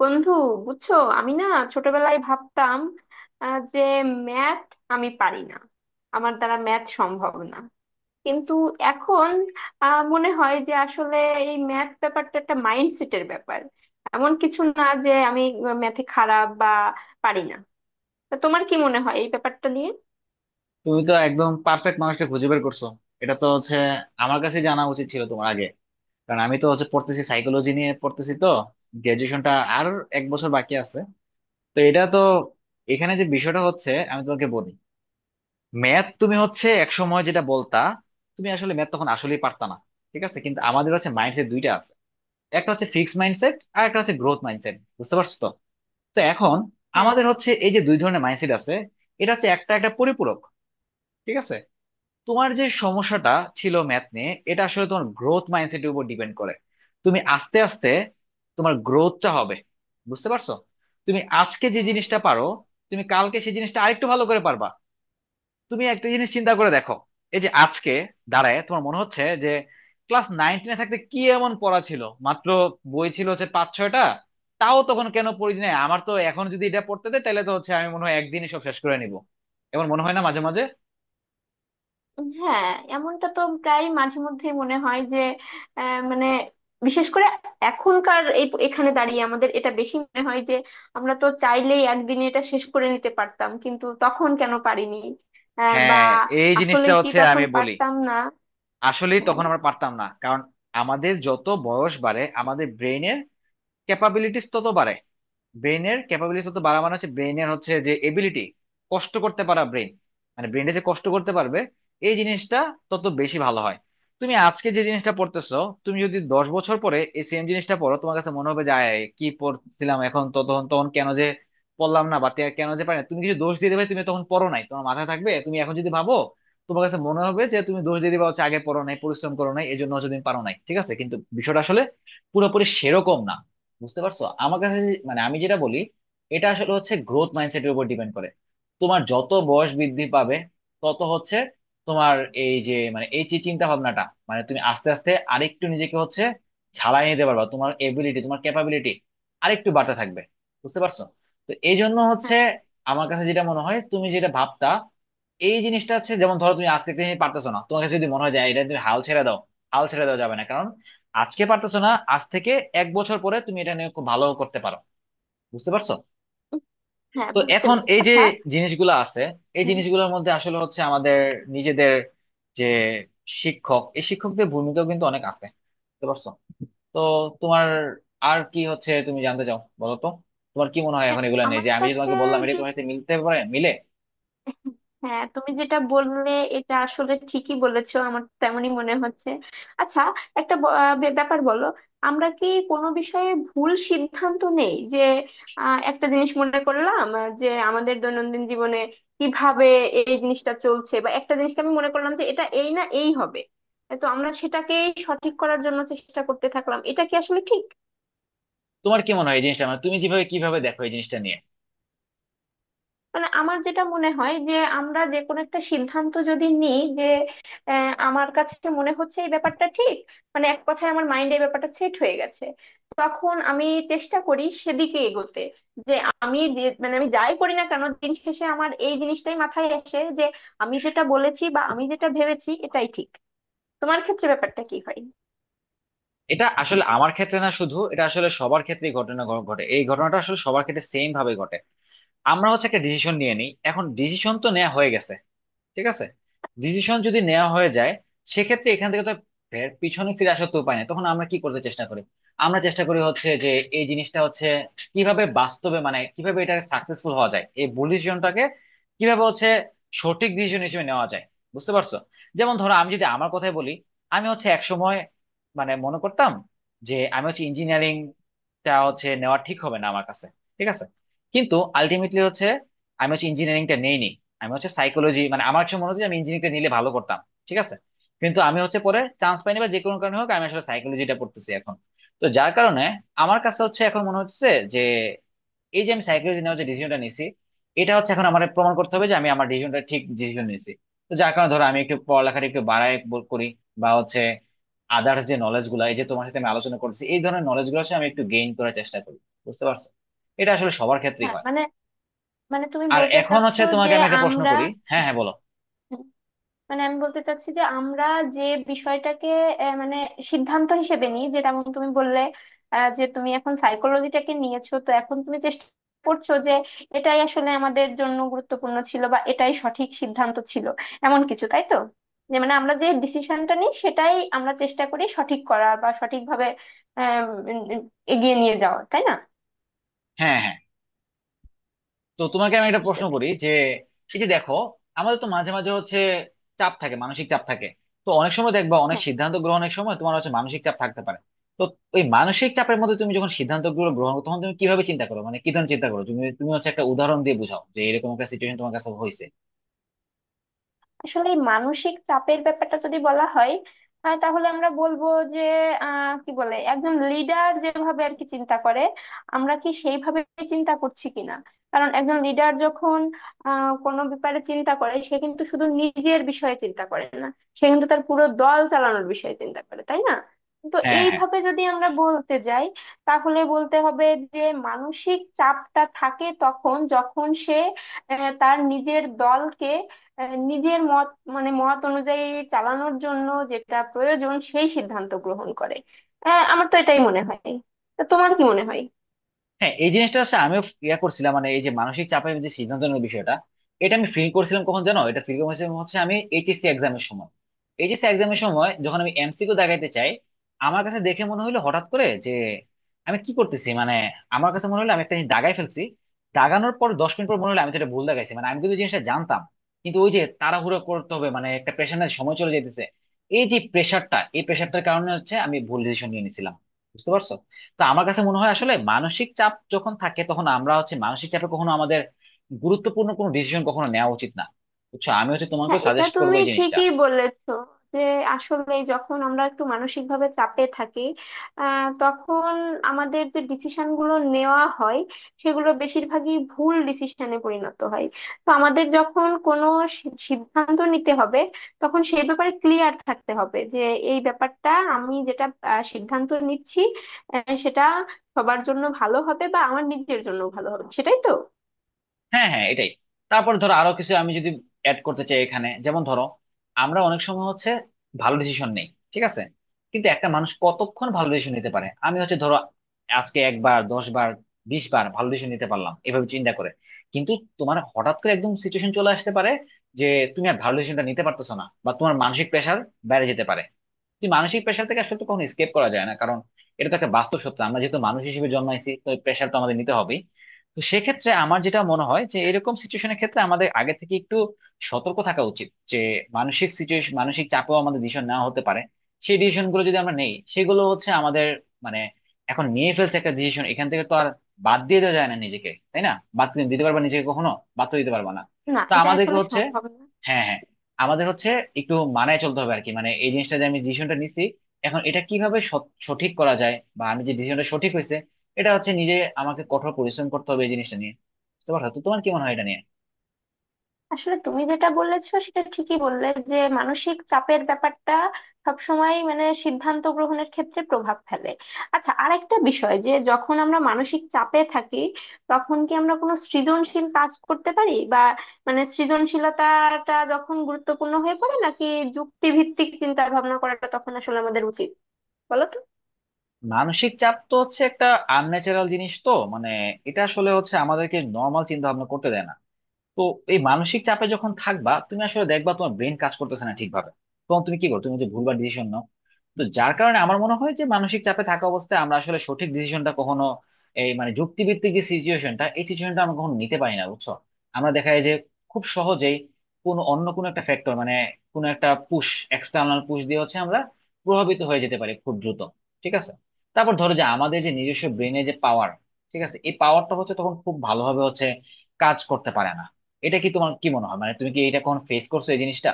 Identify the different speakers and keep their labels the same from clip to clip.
Speaker 1: বন্ধু, বুঝছো? আমি না ছোটবেলায় ভাবতাম যে ম্যাথ আমি পারি না, আমার দ্বারা ম্যাথ সম্ভব না। কিন্তু এখন মনে হয় যে আসলে এই ম্যাথ ব্যাপারটা একটা মাইন্ডসেটের ব্যাপার, এমন কিছু না যে আমি ম্যাথে খারাপ বা পারি না। তা তোমার কি মনে হয় এই ব্যাপারটা নিয়ে?
Speaker 2: তুমি তো একদম পারফেক্ট মানুষটা খুঁজে বের করছো। এটা তো হচ্ছে আমার কাছে জানা উচিত ছিল তোমার আগে, কারণ আমি তো হচ্ছে পড়তেছি, সাইকোলজি নিয়ে পড়তেছি তো। গ্রাজুয়েশনটা আর এক বছর বাকি আছে। তো এটা তো এখানে যে বিষয়টা হচ্ছে আমি তোমাকে বলি, ম্যাথ তুমি হচ্ছে এক সময় যেটা বলতা, তুমি আসলে ম্যাথ তখন আসলেই পারতা না। ঠিক আছে, কিন্তু আমাদের হচ্ছে মাইন্ডসেট দুইটা আছে। একটা হচ্ছে ফিক্সড মাইন্ডসেট আর একটা হচ্ছে গ্রোথ মাইন্ডসেট, বুঝতে পারছো তো? তো এখন
Speaker 1: হ্যাঁ,
Speaker 2: আমাদের হচ্ছে এই যে দুই ধরনের মাইন্ডসেট আছে, এটা হচ্ছে একটা একটা পরিপূরক। ঠিক আছে, তোমার যে সমস্যাটা ছিল ম্যাথ নিয়ে, এটা আসলে তোমার গ্রোথ মাইন্ডসেটের উপর ডিপেন্ড করে। তুমি আস্তে আস্তে তোমার গ্রোথটা হবে, বুঝতে পারছো? তুমি আজকে যে
Speaker 1: হ্যাঁ,
Speaker 2: জিনিসটা পারো তুমি কালকে সেই জিনিসটা আরেকটু ভালো করে পারবা। তুমি একটা জিনিস চিন্তা করে দেখো, এই যে আজকে দাঁড়ায় তোমার মনে হচ্ছে যে ক্লাস নাইন টেনে থাকতে কি এমন পড়া ছিল, মাত্র বই ছিল হচ্ছে পাঁচ ছয়টা। তাও তখন কেন পড়ি নাই, আমার তো এখন যদি এটা পড়তে দেয় তাহলে তো হচ্ছে আমি মনে হয় একদিনই সব শেষ করে নিব, এমন মনে হয় না মাঝে মাঝে?
Speaker 1: হ্যাঁ, এমনটা তো প্রায় মাঝে মধ্যেই মনে হয় যে মানে, বিশেষ করে এখনকার এই এখানে দাঁড়িয়ে আমাদের এটা বেশি মনে হয় যে আমরা তো চাইলেই একদিনে এটা শেষ করে নিতে পারতাম, কিন্তু তখন কেন পারিনি? বা
Speaker 2: হ্যাঁ, এই
Speaker 1: আসলে
Speaker 2: জিনিসটা
Speaker 1: কি
Speaker 2: হচ্ছে
Speaker 1: তখন
Speaker 2: আমি বলি,
Speaker 1: পারতাম না?
Speaker 2: আসলে
Speaker 1: হ্যাঁ,
Speaker 2: তখন আমরা পারতাম না, কারণ আমাদের যত বয়স বাড়ে আমাদের ব্রেনের ক্যাপাবিলিটিস তত বাড়ে। ব্রেনের ক্যাপাবিলিটি যত বাড়া মানে হচ্ছে ব্রেনের হচ্ছে যে এবিলিটি, কষ্ট করতে পারা ব্রেন, মানে ব্রেনে যে কষ্ট করতে পারবে এই জিনিসটা তত বেশি ভালো হয়। তুমি আজকে যে জিনিসটা পড়তেছো, তুমি যদি 10 বছর পরে এই সেম জিনিসটা পড়ো তোমার কাছে মনে হবে যে আয়, আয়, কি পড়ছিলাম, এখন তো তখন তখন কেন যে পড়লাম না বা কেন যে পারি না, তুমি কিছু দোষ দিয়ে দেবে, তুমি তখন পড়ো নাই তোমার মাথায় থাকবে। তুমি এখন যদি ভাবো তোমার কাছে মনে হবে যে তুমি দোষ দিয়ে দিবা হচ্ছে আগে পড়ো নাই পরিশ্রম করো নাই এই জন্য হচ্ছে তুমি পারো নাই। ঠিক আছে, কিন্তু বিষয়টা আসলে পুরোপুরি সেরকম না, বুঝতে পারছো? আমার কাছে মানে আমি যেটা বলি, এটা আসলে হচ্ছে গ্রোথ মাইন্ডসেটের উপর ডিপেন্ড করে। তোমার যত বয়স বৃদ্ধি পাবে তত হচ্ছে তোমার এই যে মানে এই যে চিন্তা ভাবনাটা, মানে তুমি আস্তে আস্তে আরেকটু নিজেকে হচ্ছে ঝালাই নিতে পারবা, তোমার এবিলিটি তোমার ক্যাপাবিলিটি আরেকটু বাড়তে থাকবে, বুঝতে পারছো? তো এই জন্য হচ্ছে
Speaker 1: হ্যাঁ,
Speaker 2: আমার কাছে যেটা মনে হয় তুমি যেটা ভাবতা, এই জিনিসটা হচ্ছে যেমন ধরো তুমি আজকে একটা জিনিস পারতেছো না, তোমার কাছে যদি মনে হয় যায় এটা তুমি হাল ছেড়ে দাও, হাল ছেড়ে দেওয়া যাবে না। আজকে পারতেছো না, আজ থেকে এক বছর পরে তুমি এটা নিয়ে খুব ভালো করতে পারো, বুঝতে পারছো?
Speaker 1: হ্যাঁ,
Speaker 2: তো
Speaker 1: বুঝতে
Speaker 2: এখন
Speaker 1: পেরেছি।
Speaker 2: এই যে
Speaker 1: আচ্ছা।
Speaker 2: জিনিসগুলো আছে, এই
Speaker 1: উম,
Speaker 2: জিনিসগুলোর মধ্যে আসলে হচ্ছে আমাদের নিজেদের, যে শিক্ষক, এই শিক্ষকদের ভূমিকাও কিন্তু অনেক আছে, বুঝতে পারছো? তো তোমার আর কি হচ্ছে তুমি জানতে চাও বলো তো? তোমার কি মনে হয়
Speaker 1: মানে,
Speaker 2: এখন এগুলো নিয়ে,
Speaker 1: আমার
Speaker 2: যে আমি যে
Speaker 1: কাছে
Speaker 2: তোমাকে বললাম এটা
Speaker 1: যে
Speaker 2: তোমার সাথে মিলতে পারে, মিলে?
Speaker 1: হ্যাঁ, তুমি যেটা বললে এটা আসলে ঠিকই বলেছো, আমার তেমনই মনে হচ্ছে। আচ্ছা, একটা ব্যাপার বলো। আমরা কি কোনো বিষয়ে ভুল সিদ্ধান্ত নেই যে একটা জিনিস মনে করলাম যে আমাদের দৈনন্দিন জীবনে কিভাবে এই জিনিসটা চলছে, বা একটা জিনিসকে আমি মনে করলাম যে এটা এই না এই হবে, তো আমরা সেটাকেই সঠিক করার জন্য চেষ্টা করতে থাকলাম, এটা কি আসলে ঠিক?
Speaker 2: তোমার কি মনে হয় এই জিনিসটা, মানে তুমি যেভাবে কিভাবে দেখো এই জিনিসটা নিয়ে?
Speaker 1: মানে আমার যেটা মনে হয় যে আমরা যে কোনো একটা সিদ্ধান্ত যদি নিই যে আমার কাছে মনে হচ্ছে এই ব্যাপারটা ঠিক, মানে এক কথায় আমার মাইন্ডে এই ব্যাপারটা সেট হয়ে গেছে, তখন আমি চেষ্টা করি সেদিকে এগোতে, যে আমি যে মানে আমি যাই করি না কেন দিন শেষে আমার এই জিনিসটাই মাথায় আসে যে আমি যেটা বলেছি বা আমি যেটা ভেবেছি এটাই ঠিক। তোমার ক্ষেত্রে ব্যাপারটা কি হয়?
Speaker 2: এটা আসলে আমার ক্ষেত্রে না শুধু, এটা আসলে সবার ক্ষেত্রেই ঘটনা ঘটে, এই ঘটনাটা আসলে সবার ক্ষেত্রে সেম ভাবে ঘটে। আমরা হচ্ছে একটা ডিসিশন নিয়ে নিই, এখন ডিসিশন তো নেওয়া হয়ে গেছে, ঠিক আছে। ডিসিশন যদি নেওয়া হয়ে যায়, সেক্ষেত্রে এখান থেকে তো ফের পিছনে ফিরে আসার তো উপায় নেই, তখন আমরা কি করতে চেষ্টা করি, আমরা চেষ্টা করি হচ্ছে যে এই জিনিসটা হচ্ছে কিভাবে বাস্তবে, মানে কিভাবে এটা সাকসেসফুল হওয়া যায়, এই ভুল ডিসিশনটাকে কিভাবে হচ্ছে সঠিক ডিসিশন হিসেবে নেওয়া যায়, বুঝতে পারছো? যেমন ধরো আমি যদি আমার কথাই বলি, আমি হচ্ছে একসময় মানে মনে করতাম যে আমি হচ্ছে ইঞ্জিনিয়ারিংটা হচ্ছে নেওয়া ঠিক হবে না আমার কাছে, ঠিক আছে। কিন্তু আলটিমেটলি হচ্ছে আমি হচ্ছে ইঞ্জিনিয়ারিংটা নেইনি, আমি হচ্ছে সাইকোলজি, মানে আমার কাছে মনে হচ্ছে যে আমি ইঞ্জিনিয়ারিং নিলে ভালো করতাম, ঠিক আছে, কিন্তু আমি হচ্ছে পরে চান্স পাইনি বা যে কোনো কারণে হোক আমি আসলে সাইকোলজিটা পড়তেছি এখন। তো যার কারণে আমার কাছে হচ্ছে এখন মনে হচ্ছে যে এই যে আমি সাইকোলজি নেওয়ার যে ডিসিশনটা নিছি, এটা হচ্ছে এখন আমার প্রমাণ করতে হবে যে আমি আমার ডিসিশনটা ঠিক ডিসিশন নিয়েছি। তো যার কারণে ধরো আমি একটু পড়ালেখাটা একটু বাড়ায় করি, বা হচ্ছে আদার্স যে নলেজ গুলা, এই যে তোমার সাথে আমি আলোচনা করছি এই ধরনের নলেজ গুলো হচ্ছে আমি একটু গেইন করার চেষ্টা করি, বুঝতে পারছো? এটা আসলে সবার ক্ষেত্রেই
Speaker 1: হ্যাঁ,
Speaker 2: হয়।
Speaker 1: মানে, মানে তুমি
Speaker 2: আর
Speaker 1: বলতে
Speaker 2: এখন হচ্ছে
Speaker 1: চাচ্ছো যে
Speaker 2: তোমাকে আমি একটা প্রশ্ন
Speaker 1: আমরা,
Speaker 2: করি। হ্যাঁ হ্যাঁ বলো।
Speaker 1: মানে আমি বলতে চাচ্ছি যে আমরা যে বিষয়টাকে মানে সিদ্ধান্ত হিসেবে নিই, যেমন তুমি বললে যে তুমি এখন সাইকোলজিটাকে নিয়েছো তো এখন তুমি চেষ্টা করছো যে এটাই আসলে আমাদের জন্য গুরুত্বপূর্ণ ছিল বা এটাই সঠিক সিদ্ধান্ত ছিল, এমন কিছু তাই তো? যে মানে আমরা যে ডিসিশনটা নিই সেটাই আমরা চেষ্টা করি সঠিক করা বা সঠিকভাবে আহ উম, উম, এগিয়ে নিয়ে যাওয়া তাই না?
Speaker 2: হ্যাঁ হ্যাঁ, তো তোমাকে আমি একটা
Speaker 1: বুঝতে
Speaker 2: প্রশ্ন করি
Speaker 1: পেরেছি।
Speaker 2: যে এই যে দেখো, আমাদের তো মাঝে মাঝে হচ্ছে চাপ থাকে, মানসিক চাপ থাকে। তো অনেক সময় দেখবা অনেক
Speaker 1: হ্যাঁ,
Speaker 2: সিদ্ধান্ত গ্রহণের সময় তোমার হচ্ছে মানসিক চাপ থাকতে পারে। তো ওই মানসিক চাপের মধ্যে তুমি যখন সিদ্ধান্ত গুলো গ্রহণ করো, তখন তুমি কিভাবে চিন্তা করো, মানে কি ধরনের চিন্তা করো তুমি, তুমি হচ্ছে একটা উদাহরণ দিয়ে বোঝাও যে এরকম একটা সিচুয়েশন তোমার কাছে হয়েছে।
Speaker 1: আসলে এই মানসিক চাপের ব্যাপারটা যদি বলা হয় তাহলে আমরা বলবো যে কি বলে, একজন লিডার যেভাবে আর কি চিন্তা করে আমরা কি সেইভাবে চিন্তা করছি কিনা। কারণ একজন লিডার যখন কোনো ব্যাপারে চিন্তা করে সে কিন্তু শুধু নিজের বিষয়ে চিন্তা করে না, সে কিন্তু তার পুরো দল চালানোর বিষয়ে চিন্তা করে তাই না? তো
Speaker 2: হ্যাঁ হ্যাঁ
Speaker 1: এইভাবে যদি আমরা বলতে যাই তাহলে বলতে হবে যে মানসিক চাপটা থাকে তখন যখন সে তার নিজের দলকে নিজের মত, মানে মত অনুযায়ী চালানোর জন্য যেটা প্রয়োজন সেই সিদ্ধান্ত গ্রহণ করে। আমার তো এটাই মনে হয়। তা তোমার কি মনে হয়?
Speaker 2: হ্যাঁ, এই জিনিসটা হচ্ছে আমিও ইয়া করছিলাম, মানে এই যে মানসিক চাপের যে সিদ্ধান্ত নেওয়ার বিষয়টা, এটা আমি ফিল করছিলাম কখন জানো, এটা ফিল করছিলাম হচ্ছে আমি এইচএসসি এক্সামের সময়। এইচএসসি এক্সামের সময় যখন আমি এমসিকিউ দাগাইতে চাই, আমার কাছে দেখে মনে হলো হঠাৎ করে যে আমি কি করতেছি, মানে আমার কাছে মনে হলো আমি একটা জিনিস দাগাই ফেলছি। দাগানোর পর 10 মিনিট পর মনে হলো আমি তো এটা ভুল দাগাইছি, মানে আমি কিন্তু জিনিসটা জানতাম, কিন্তু ওই যে তাড়াহুড়ো করতে হবে, মানে একটা প্রেশারের সময় চলে যেতেছে, এই যে প্রেশারটা, এই প্রেশারটার কারণে হচ্ছে আমি ভুল ডিসিশন নিয়ে নিছিলাম, বুঝতে পারছো? তো আমার কাছে মনে হয় আসলে মানসিক চাপ যখন থাকে তখন আমরা হচ্ছে, মানসিক চাপে কখনো আমাদের গুরুত্বপূর্ণ কোনো ডিসিশন কখনো নেওয়া উচিত না। বুঝছো, আমি হচ্ছে তোমাকে
Speaker 1: হ্যাঁ, এটা
Speaker 2: সাজেস্ট করবো
Speaker 1: তুমি
Speaker 2: এই জিনিসটা।
Speaker 1: ঠিকই বলেছো যে আসলে যখন আমরা একটু মানসিক ভাবে চাপে থাকি তখন আমাদের যে ডিসিশন গুলো নেওয়া হয় সেগুলো বেশিরভাগই ভুল ডিসিশনে পরিণত হয়। তো আমাদের যখন কোনো সিদ্ধান্ত নিতে হবে তখন সেই ব্যাপারে ক্লিয়ার থাকতে হবে যে এই ব্যাপারটা আমি যেটা সিদ্ধান্ত নিচ্ছি, সেটা সবার জন্য ভালো হবে বা আমার নিজের জন্য ভালো হবে, সেটাই তো।
Speaker 2: হ্যাঁ হ্যাঁ এটাই। তারপর ধরো আরো কিছু আমি যদি অ্যাড করতে চাই এখানে, যেমন ধরো আমরা অনেক সময় হচ্ছে ভালো ডিসিশন নেই, ঠিক আছে, কিন্তু একটা মানুষ কতক্ষণ ভালো ডিসিশন নিতে পারে? আমি হচ্ছে ধরো আজকে একবার 10 বার 20 বার ভালো ডিসিশন নিতে পারলাম এভাবে চিন্তা করে, কিন্তু তোমার হঠাৎ করে একদম সিচুয়েশন চলে আসতে পারে যে তুমি আর ভালো ডিসিশনটা নিতে পারতেছো না বা তোমার মানসিক প্রেশার বেড়ে যেতে পারে। কিন্তু মানসিক প্রেশার থেকে আসলে তো কখনো স্কেপ করা যায় না, কারণ এটা তো একটা বাস্তব সত্য, আমরা যেহেতু মানুষ হিসেবে জন্মাইছি তো প্রেশার তো আমাদের নিতে হবেই। তো সেক্ষেত্রে আমার যেটা মনে হয় যে এরকম সিচুয়েশনের ক্ষেত্রে আমাদের আগে থেকে একটু সতর্ক থাকা উচিত যে মানসিক সিচুয়েশন, মানসিক চাপেও আমাদের ডিসিশন নেওয়া হতে পারে। সেই ডিসিশন গুলো যদি আমরা নেই সেগুলো হচ্ছে আমাদের মানে এখন নিয়ে ফেলছে একটা ডিসিশন, এখান থেকে তো আর বাদ দিয়ে দেওয়া যায় না নিজেকে, তাই না? বাদ দিতে পারবা নিজেকে কখনো? বাদ তো দিতে পারবা না।
Speaker 1: না,
Speaker 2: তো
Speaker 1: এটা
Speaker 2: আমাদেরকে
Speaker 1: আসলে
Speaker 2: হচ্ছে,
Speaker 1: সম্ভব না।
Speaker 2: হ্যাঁ হ্যাঁ, আমাদের হচ্ছে একটু মানায় চলতে হবে আর কি, মানে এই জিনিসটা যে আমি ডিসিশনটা নিছি এখন এটা কিভাবে সঠিক করা যায় বা আমি যে ডিসিশনটা সঠিক হয়েছে, এটা হচ্ছে নিজে আমাকে কঠোর পরিশ্রম করতে হবে এই জিনিসটা নিয়ে, বুঝতে পারছো? তো তোমার কি মনে হয় এটা নিয়ে?
Speaker 1: আসলে তুমি যেটা বলেছো সেটা ঠিকই বললে যে মানসিক চাপের ব্যাপারটা সবসময় মানে সিদ্ধান্ত গ্রহণের ক্ষেত্রে প্রভাব ফেলে। আচ্ছা, আর একটা বিষয়, যে যখন আমরা মানসিক চাপে থাকি তখন কি আমরা কোনো সৃজনশীল কাজ করতে পারি, বা মানে সৃজনশীলতাটা যখন গুরুত্বপূর্ণ হয়ে পড়ে নাকি যুক্তিভিত্তিক চিন্তা ভাবনা করাটা তখন আসলে আমাদের উচিত, বলো তো?
Speaker 2: মানসিক চাপ তো হচ্ছে একটা আনন্যাচারাল জিনিস তো, মানে এটা আসলে হচ্ছে আমাদেরকে নর্মাল চিন্তা ভাবনা করতে দেয় না। তো এই মানসিক চাপে যখন থাকবা, তুমি আসলে দেখবা তোমার ব্রেন কাজ করতেছে না ঠিকভাবে, তখন তুমি কি করো, তুমি যে ভুলবার ডিসিশন। তো যার কারণে আমার মনে হয় যে মানসিক চাপে থাকা অবস্থায় আমরা আসলে সঠিক ডিসিশনটা কখনো, এই মানে যুক্তিভিত্তিক যে সিচুয়েশনটা এই সিচুয়েশনটা আমরা কখনো নিতে পারি না, বুঝছো? আমরা দেখা যায় যে খুব সহজেই কোনো অন্য কোনো একটা ফ্যাক্টর, মানে কোনো একটা পুশ, এক্সটার্নাল পুশ দিয়ে হচ্ছে আমরা প্রভাবিত হয়ে যেতে পারি খুব দ্রুত, ঠিক আছে। তারপর ধরো যে আমাদের যে নিজস্ব ব্রেনে যে পাওয়ার, ঠিক আছে, এই পাওয়ারটা হচ্ছে তখন খুব ভালোভাবে হচ্ছে কাজ করতে পারে না। এটা কি তোমার কি মনে হয়, মানে তুমি কি এটা কখন ফেস করছো এই জিনিসটা?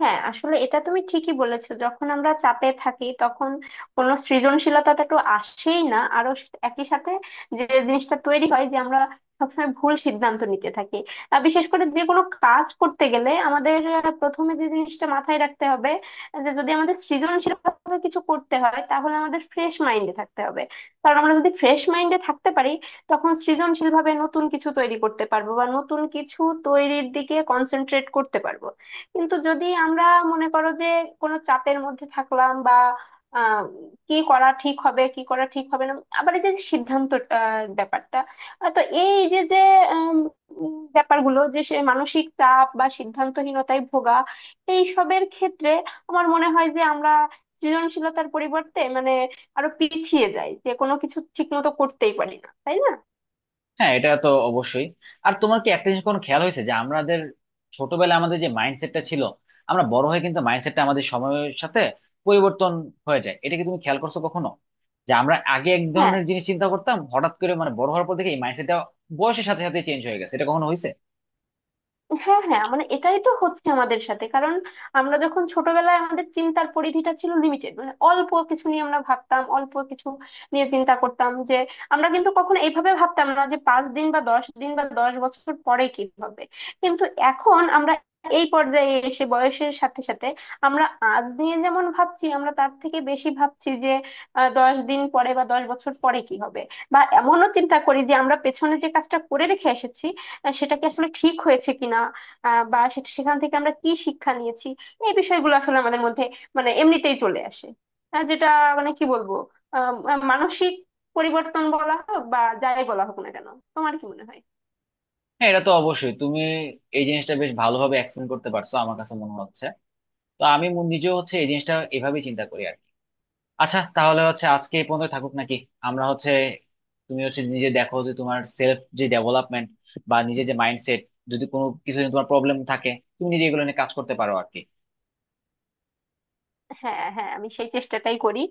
Speaker 1: হ্যাঁ, আসলে এটা তুমি ঠিকই বলেছো, যখন আমরা চাপে থাকি তখন কোনো সৃজনশীলতাটা তো আসেই না, আরো একই সাথে যে জিনিসটা তৈরি হয় যে আমরা সবসময় ভুল সিদ্ধান্ত নিতে থাকি। আর বিশেষ করে যে কোনো কাজ করতে গেলে আমাদের প্রথমে যে জিনিসটা মাথায় রাখতে হবে যে যদি আমাদের সৃজনশীলভাবে কিছু করতে হয় তাহলে আমাদের ফ্রেশ মাইন্ডে থাকতে হবে। কারণ আমরা যদি ফ্রেশ মাইন্ডে থাকতে পারি তখন সৃজনশীলভাবে নতুন কিছু তৈরি করতে পারবো বা নতুন কিছু তৈরির দিকে কনসেন্ট্রেট করতে পারবো। কিন্তু যদি আমরা মনে করো যে কোনো চাপের মধ্যে থাকলাম, বা আহ, কি করা ঠিক হবে কি করা ঠিক হবে না, আবার এই যে সিদ্ধান্ত ব্যাপারটা, তো এই যে যে উম, উম, ব্যাপারগুলো যে সে মানসিক চাপ বা সিদ্ধান্তহীনতায় ভোগা এই সবের ক্ষেত্রে আমার মনে হয় যে আমরা সৃজনশীলতার পরিবর্তে মানে আরো পিছিয়ে যাই, যে কোনো কিছু ঠিক মতো করতেই পারি না তাই না?
Speaker 2: হ্যাঁ এটা তো অবশ্যই। আর তোমার কি একটা জিনিস কোনো খেয়াল হয়েছে যে আমাদের ছোটবেলায় আমাদের যে মাইন্ডসেটটা ছিল, আমরা বড় হয়ে কিন্তু মাইন্ডসেটটা আমাদের সময়ের সাথে পরিবর্তন হয়ে যায়, এটা কি তুমি খেয়াল করছো কখনো, যে আমরা আগে এক
Speaker 1: হ্যাঁ,
Speaker 2: ধরনের জিনিস চিন্তা করতাম, হঠাৎ করে মানে বড় হওয়ার পর থেকে এই মাইন্ডসেটটা বয়সের সাথে সাথে চেঞ্জ হয়ে গেছে, এটা কখনো হয়েছে?
Speaker 1: হ্যাঁ, হ্যাঁ, মানে এটাই তো হচ্ছে আমাদের সাথে। কারণ আমরা যখন ছোটবেলায় আমাদের চিন্তার পরিধিটা ছিল লিমিটেড, মানে অল্প কিছু নিয়ে আমরা ভাবতাম, অল্প কিছু নিয়ে চিন্তা করতাম, যে আমরা কিন্তু কখনো এইভাবে ভাবতাম না যে 5 দিন বা 10 দিন বা 10 বছর পরে কি হবে। কিন্তু এখন আমরা এই পর্যায়ে এসে বয়সের সাথে সাথে আমরা আজ নিয়ে যেমন ভাবছি আমরা তার থেকে বেশি ভাবছি যে 10 দিন পরে বা 10 বছর পরে কি হবে, বা এমনও চিন্তা করি যে আমরা পেছনে যে কাজটা করে রেখে এসেছি সেটা কি আসলে ঠিক হয়েছে কিনা, বা সেখান থেকে আমরা কি শিক্ষা নিয়েছি, এই বিষয়গুলো আসলে আমাদের মধ্যে মানে এমনিতেই চলে আসে। যেটা মানে কি বলবো, আহ মানসিক পরিবর্তন বলা হোক বা যাই বলা হোক না কেন, তোমার কি মনে হয়?
Speaker 2: হ্যাঁ এটা তো অবশ্যই, তুমি এই জিনিসটা বেশ ভালোভাবে এক্সপ্লেন করতে পারছো আমার কাছে মনে হচ্ছে। তো আমি নিজেও হচ্ছে এই জিনিসটা এভাবেই চিন্তা করি আর কি। আচ্ছা, তাহলে হচ্ছে আজকে এই পর্যন্ত থাকুক নাকি? আমরা হচ্ছে, তুমি হচ্ছে নিজে দেখো যে তোমার সেলফ যে ডেভেলপমেন্ট বা নিজের যে মাইন্ডসেট, যদি কোনো কিছু নিয়ে তোমার প্রবলেম থাকে তুমি নিজে এগুলো নিয়ে কাজ করতে পারো আর কি।
Speaker 1: হ্যাঁ, হ্যাঁ, আমি সেই চেষ্টাটাই করি।